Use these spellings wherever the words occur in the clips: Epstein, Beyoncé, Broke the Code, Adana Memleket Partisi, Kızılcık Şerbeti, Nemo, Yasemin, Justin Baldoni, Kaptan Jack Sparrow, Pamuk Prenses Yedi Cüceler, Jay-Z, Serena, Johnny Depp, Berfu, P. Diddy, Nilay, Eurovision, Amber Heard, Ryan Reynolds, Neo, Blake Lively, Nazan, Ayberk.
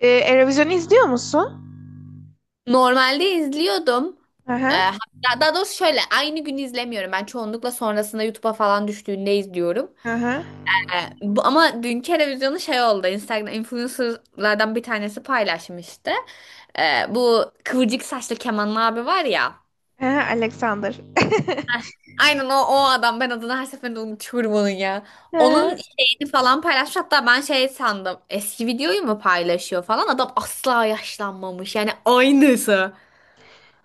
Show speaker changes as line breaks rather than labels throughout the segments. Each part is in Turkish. Eurovision'u izliyor musun?
Normalde izliyordum.
Hı hı.
Hatta daha doğrusu şöyle aynı gün izlemiyorum. Ben çoğunlukla sonrasında YouTube'a falan düştüğünde izliyorum.
Hı hı.
Bu, ama dünkü televizyonu şey oldu. Instagram influencerlardan bir tanesi paylaşmıştı. Bu kıvırcık saçlı Kemal abi var ya.
Hı hı, Alexander.
Aynen o, o adam. Ben adını her seferinde unutuyorum onun ya.
Hı
Onun
hı.
şeyini falan paylaşmış. Hatta ben şey sandım. Eski videoyu mu paylaşıyor falan. Adam asla yaşlanmamış. Yani aynısı.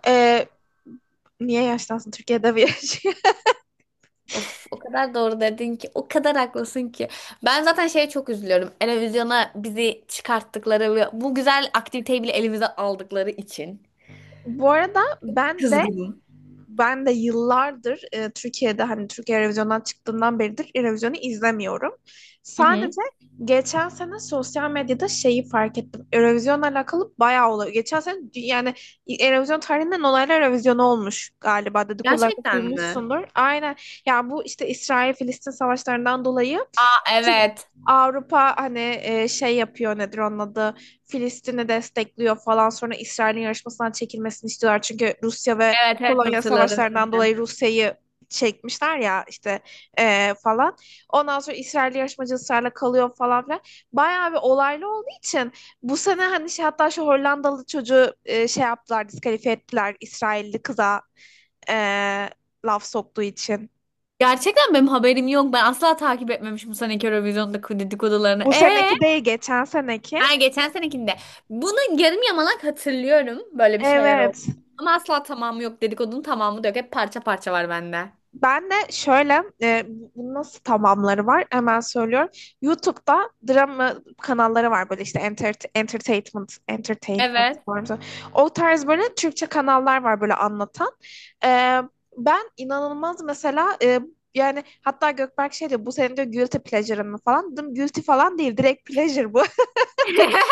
Ee, niye yaşlansın? Türkiye'de bir yaşıyor.
Of, o kadar doğru dedin ki, o kadar haklısın ki. Ben zaten şeye çok üzülüyorum. Eurovision'a bizi çıkarttıkları ve bu güzel aktiviteyi bile elimize aldıkları için.
Bu arada ben de
Kızgınım.
ben de yıllardır Türkiye'de hani Türkiye Eurovision'dan çıktığından beridir Eurovision'u izlemiyorum.
Hı hı.
Sadece geçen sene sosyal medyada şeyi fark ettim. Eurovision'la alakalı bayağı olay. Yani Eurovision tarihinden olaylar Eurovision olmuş galiba dedikodularda
Gerçekten mi?
duymuşsundur. Aynen. Ya bu işte İsrail-Filistin savaşlarından dolayı
Aa, evet.
Avrupa hani şey yapıyor nedir onun adı Filistin'i destekliyor falan sonra İsrail'in yarışmasından çekilmesini istiyorlar. Çünkü Rusya ve
Evet evet,
Polonya
hatırladım
savaşlarından
şimdi.
dolayı Rusya'yı çekmişler ya işte falan. Ondan sonra İsrail yarışmacı ısrarla kalıyor falan filan. Bayağı bir olaylı olduğu için bu sene hani şey hatta şu Hollandalı çocuğu şey yaptılar diskalifiye ettiler İsrailli kıza e, laf soktuğu için.
Gerçekten benim haberim yok. Ben asla takip etmemişim bu seneki Eurovision'daki dedikodularını.
Bu seneki değil geçen seneki.
Ha, geçen senekinde. Bunu yarım yamalak hatırlıyorum. Böyle bir şeyler oldu.
Evet.
Ama asla tamamı yok. Dedikodunun tamamı da yok. Hep parça parça var bende.
Ben de şöyle, nasıl tamamları var hemen söylüyorum. YouTube'da drama kanalları var böyle işte entertainment, entertainment
Evet.
var. Mı? O tarz böyle Türkçe kanallar var böyle anlatan. E, ben inanılmaz mesela yani hatta Gökberk şey diyor bu senin diyor guilty pleasure'ın mı falan. Dedim guilty falan değil direkt pleasure bu.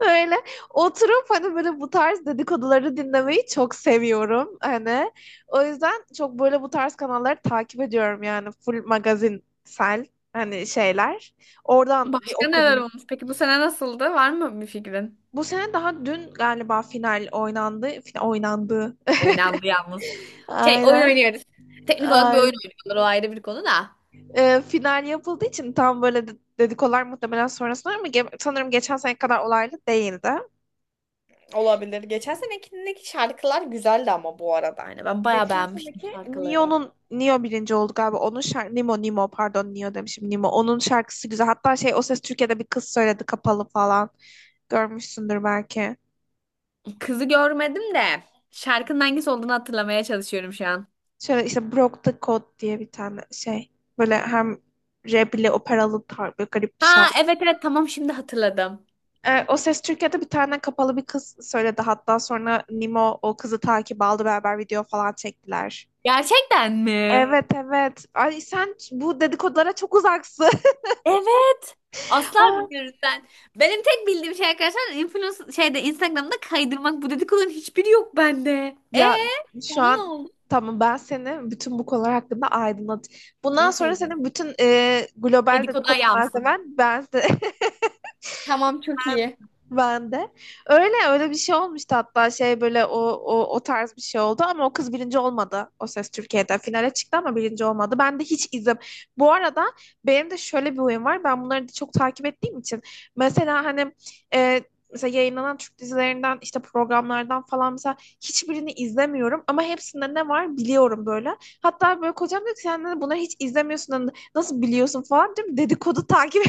Öyle oturup hani böyle bu tarz dedikoduları dinlemeyi çok seviyorum hani. O yüzden çok böyle bu tarz kanalları takip ediyorum yani full magazinsel hani şeyler. Oradan bir
Başka neler
okudum.
olmuş? Peki bu sene nasıldı? Var mı bir fikrin?
Bu sene daha dün galiba final oynandı. Oynandı.
Oynandı yalnız. Şey oyun
Aynen.
oynuyoruz. Teknik olarak bir oyun
Ay-
oynuyorlar. O ayrı bir konu da.
Final yapıldığı için tam böyle dedikodular muhtemelen sonrasında ama sanırım geçen sene kadar olaylı değildi.
Olabilir. Geçen senekindeki şarkılar güzeldi ama bu arada. Yani ben bayağı beğenmiştim şarkıları.
Neo birinci oldu galiba. Onun şarkı Nemo pardon Neo demişim Nemo. Onun şarkısı güzel. Hatta şey o ses Türkiye'de bir kız söyledi kapalı falan. Görmüşsündür belki.
Kızı görmedim de şarkının hangisi olduğunu hatırlamaya çalışıyorum şu an.
Şöyle işte Broke the Code diye bir tane şey. Böyle hem rap ile operalı tar böyle garip bir
Ha
şarkı.
evet evet, tamam şimdi hatırladım.
O ses Türkiye'de bir tane kapalı bir kız söyledi. Hatta sonra Nemo o kızı takip aldı beraber video falan çektiler.
Gerçekten mi?
Evet evet. Ay sen bu dedikodulara çok uzaksın.
Evet. Asla bilmiyoruz sen. Benim tek bildiğim şey arkadaşlar influencer şeyde Instagram'da kaydırmak. Bu dedikoduların hiçbiri yok bende. E
Ya şu
sonra ne
an
oldu?
tamam ben seni bütün bu konular hakkında aydınlat. Bundan
En
sonra
sevdiğim.
senin bütün global
Dedikodu
dedikodu
ayağı.
malzemen ben
Tamam, çok iyi.
ben de. Öyle öyle bir şey olmuştu hatta şey böyle o tarz bir şey oldu ama o kız birinci olmadı. O Ses Türkiye'de finale çıktı ama birinci olmadı. Ben de hiç izim. Bu arada benim de şöyle bir huyum var. Ben bunları da çok takip ettiğim için. Mesela hani e, mesela yayınlanan Türk dizilerinden işte programlardan falan mesela hiçbirini izlemiyorum ama hepsinde ne var biliyorum böyle. Hatta böyle kocam diyor ki sen de bunları hiç izlemiyorsun hani nasıl biliyorsun falan diyorum. Dedikodu takip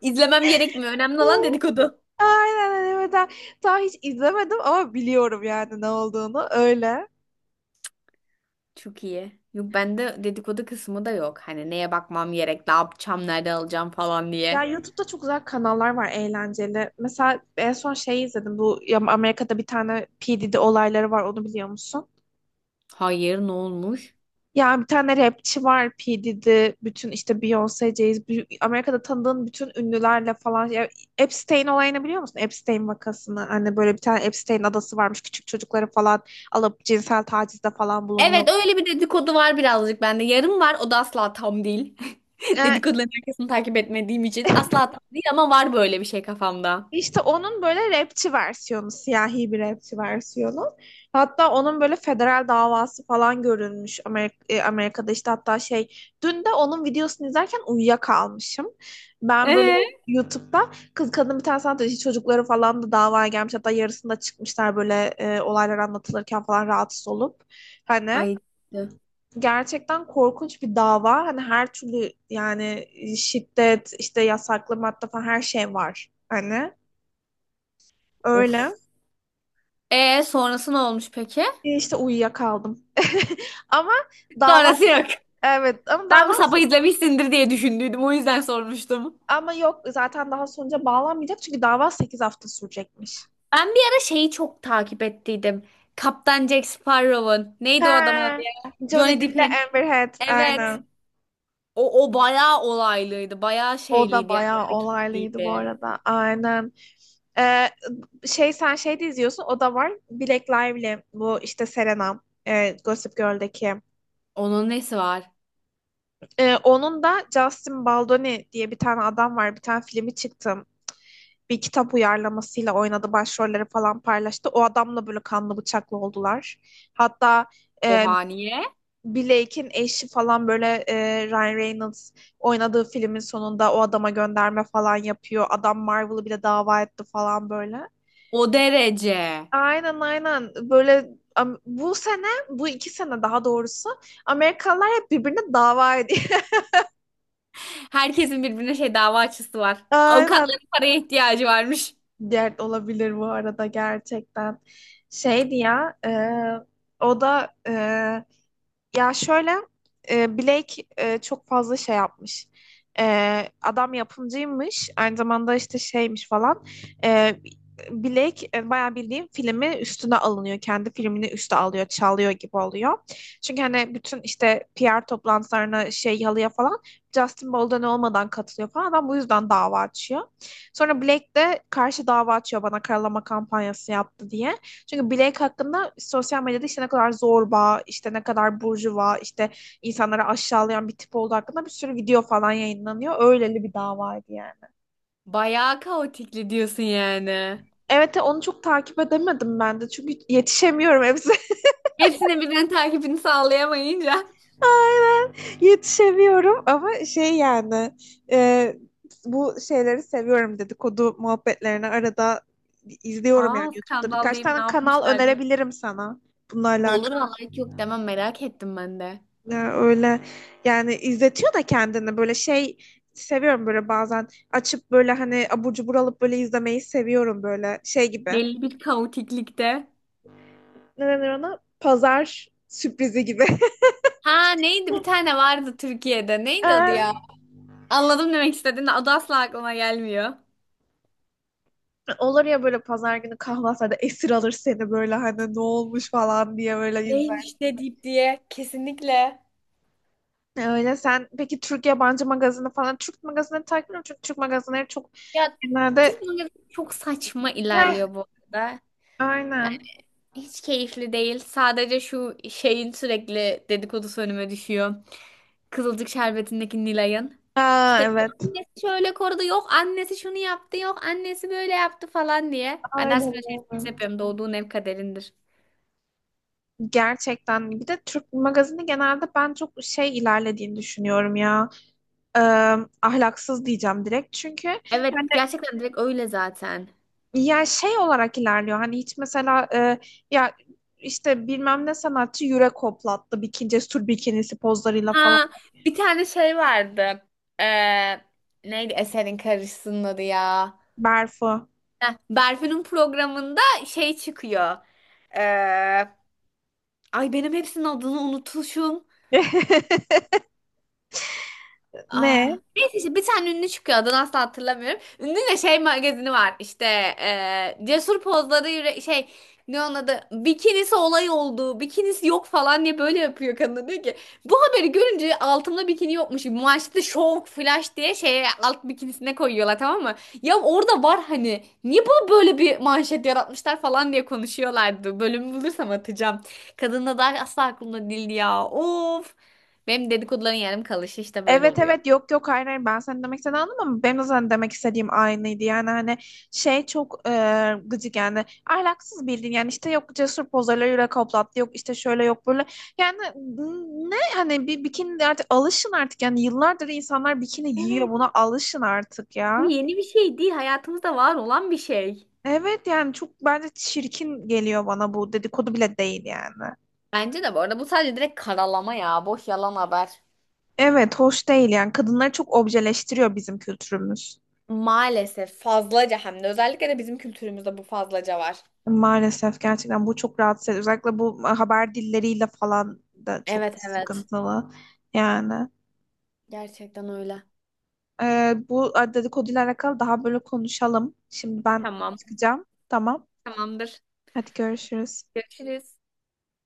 İzlemem gerekmiyor. Önemli olan dedikodu.
aynen evet. Daha hiç izlemedim ama biliyorum yani ne olduğunu. Öyle.
Çok iyi. Yok, bende dedikodu kısmı da yok. Hani neye bakmam gerek, ne yapacağım, nerede alacağım falan
Ya
diye.
YouTube'da çok güzel kanallar var eğlenceli. Mesela en son şey izledim. Bu ya Amerika'da bir tane P. Diddy olayları var. Onu biliyor musun?
Hayır, ne olmuş?
Ya bir tane rapçi var P. Diddy. Bütün işte Beyoncé, Jay-Z. Amerika'da tanıdığın bütün ünlülerle falan. Ya Epstein olayını biliyor musun? Epstein vakasını. Hani böyle bir tane Epstein adası varmış. Küçük çocukları falan alıp cinsel tacizde falan bulunuyor.
Evet, öyle bir dedikodu var birazcık bende. Yarım var, o da asla tam değil.
Ee,
Dedikoduların arkasını takip etmediğim için asla tam değil ama var böyle bir şey kafamda.
İşte onun böyle rapçi versiyonu, siyahi bir rapçi versiyonu. Hatta onun böyle federal davası falan görülmüş Amerika, Amerika'da işte hatta şey dün de onun videosunu izlerken uyuyakalmışım. Ben böyle
Ee?
YouTube'da kız kadın bir tane sanat işi çocukları falan da davaya gelmiş hatta yarısında çıkmışlar böyle olaylar anlatılırken falan rahatsız olup hani
Ay. İşte.
gerçekten korkunç bir dava hani her türlü yani şiddet işte yasaklı madde falan her şey var hani öyle.
Of. Ee, sonrası ne olmuş peki?
İşte uyuyakaldım. Ama dava
Sonrası yok.
evet ama
Ben bu
dava
sapı
sek-
izlemişsindir diye düşündüydüm. O yüzden sormuştum.
Ama yok zaten daha sonuca bağlanmayacak çünkü dava 8 hafta sürecekmiş.
Ben bir ara şeyi çok takip ettiydim. Kaptan Jack Sparrow'un. Neydi o adamın adı?
He. Johnny
Johnny
Depp ile
Depp'in.
Amber Heard
Evet.
aynen.
O, o bayağı olaylıydı. Bayağı
O da
şeyliydi yani.
bayağı olaylıydı bu
Hareketliydi.
arada. Aynen. Ee, şey sen şey de izliyorsun o da var. Black Lively bu işte Serena Gossip Girl'deki.
Onun nesi var?
Onun da Justin Baldoni diye bir tane adam var. Bir tane filmi çıktı. Bir kitap uyarlamasıyla oynadı. Başrolleri falan paylaştı. O adamla böyle kanlı bıçaklı oldular. Hatta e,
Oha, niye?
Blake'in eşi falan böyle Ryan Reynolds oynadığı filmin sonunda o adama gönderme falan yapıyor. Adam Marvel'ı bile dava etti falan böyle.
O derece.
Aynen aynen böyle bu sene bu iki sene daha doğrusu Amerikalılar hep birbirine dava ediyor.
Herkesin birbirine şey dava açısı var.
Aynen.
Avukatların paraya ihtiyacı varmış.
Dert olabilir bu arada gerçekten. Şeydi ya e, o da e, Ya şöyle Blake çok fazla şey yapmış. Adam yapımcıymış. Aynı zamanda işte şeymiş falan. E, Blake bayağı bildiğim filmi üstüne alınıyor. Kendi filmini üste alıyor, çalıyor gibi oluyor. Çünkü hani bütün işte PR toplantılarına şey halıya falan Justin Bolden olmadan katılıyor falan. Adam bu yüzden dava açıyor. Sonra Blake de karşı dava açıyor bana karalama kampanyası yaptı diye. Çünkü Blake hakkında sosyal medyada işte ne kadar zorba, işte ne kadar burjuva, işte insanları aşağılayan bir tip olduğu hakkında bir sürü video falan yayınlanıyor. Öyleli bir davaydı yani.
Bayağı kaotikli diyorsun yani.
Evet onu çok takip edemedim ben de çünkü yetişemiyorum hepsi.
Hepsinin birbirinin takibini sağlayamayınca.
Aynen yetişemiyorum ama şey yani e, bu şeyleri seviyorum dedikodu muhabbetlerini arada izliyorum yani
Aa,
YouTube'da.
skandal
Birkaç
deyip ne
tane kanal
yapmışlar deyip.
önerebilirim sana bunlarla
Olur
alakalı.
vallahi, hiç yok demem, merak ettim ben de.
Ya öyle yani izletiyor da kendini böyle şey seviyorum böyle bazen açıp böyle hani abur cubur alıp böyle izlemeyi seviyorum böyle şey gibi.
Belli bir kaotiklikte.
Ne denir ona? Pazar sürprizi gibi.
Ha neydi, bir tane vardı Türkiye'de. Neydi adı ya?
Ee,
Anladım demek istediğini, adı asla aklıma gelmiyor.
olur ya böyle pazar günü kahvaltıda esir alır seni böyle hani ne olmuş falan diye böyle izler.
Neymiş de deyip diye kesinlikle.
Öyle sen peki Türk yabancı magazini falan Türk magazinleri takip ediyorum çünkü Türk magazinleri çok
Ya
genelde
Türk mangası çok saçma
Heh,
ilerliyor bu arada.
aynen.
Hiç keyifli değil. Sadece şu şeyin sürekli dedikodusu önüme düşüyor. Kızılcık Şerbeti'ndeki Nilay'ın.
Aa
İşte
evet.
annesi şöyle korudu, yok annesi şunu yaptı, yok annesi böyle yaptı falan diye. Ben
Aynen.
dersimde şey yapıyorum, doğduğun ev kaderindir.
Gerçekten bir de Türk magazini genelde ben çok şey ilerlediğini düşünüyorum ya Ee, ahlaksız diyeceğim direkt çünkü
Evet,
hani
gerçekten direkt öyle zaten.
ya şey olarak ilerliyor hani hiç mesela ya işte bilmem ne sanatçı yürek hoplattı bikini cesur bikinisi pozlarıyla falan
Ha, bir tane şey vardı. Ee, Neydi eserin karıcısının adı ya?
Berfu
Heh, Berfu'nun programında şey çıkıyor. Ee, Ay, benim hepsinin adını unutmuşum. Aa,
ne
neyse işte bir tane ünlü çıkıyor, adını asla hatırlamıyorum. Ünlü de şey magazini var işte, cesur pozları yüre- şey, ne onun adı, bikinisi olay oldu, bikinisi yok falan diye böyle yapıyor, kadın diyor ki bu haberi görünce altımda bikini yokmuş maçta şov flash diye şeye alt bikinisine koyuyorlar, tamam mı? Ya orada var, hani niye bunu böyle bir manşet yaratmışlar falan diye konuşuyorlardı, bölümü bulursam atacağım. Kadın da daha asla aklımda değildi ya, of. Benim dedikoduların yarım kalışı işte böyle
evet
oluyor.
evet yok yok hayır hayır ben seni demek istediğini anladım ama benim de sana demek istediğim aynıydı yani hani şey çok gıcık yani ahlaksız bildiğin yani işte yok cesur pozlarıyla yürek hoplattı yok işte şöyle yok böyle yani ne hani bir bikini de artık alışın artık yani yıllardır insanlar bikini giyiyor
Evet.
buna alışın artık
Bu
ya.
yeni bir şey değil. Hayatımızda var olan bir şey.
Evet yani çok bence çirkin geliyor bana bu dedikodu bile değil yani.
Bence de bu arada bu sadece direkt karalama ya. Boş yalan haber.
Evet hoş değil yani kadınları çok objeleştiriyor bizim kültürümüz.
Maalesef fazlaca, hem de özellikle de bizim kültürümüzde bu fazlaca var.
Maalesef gerçekten bu çok rahatsız ediyor. Özellikle bu haber dilleriyle falan da çok
Evet evet.
sıkıntılı. Yani
Gerçekten öyle.
bu dedikoduyla alakalı daha böyle konuşalım. Şimdi ben
Tamam.
çıkacağım. Tamam.
Tamamdır.
Hadi görüşürüz.
Görüşürüz.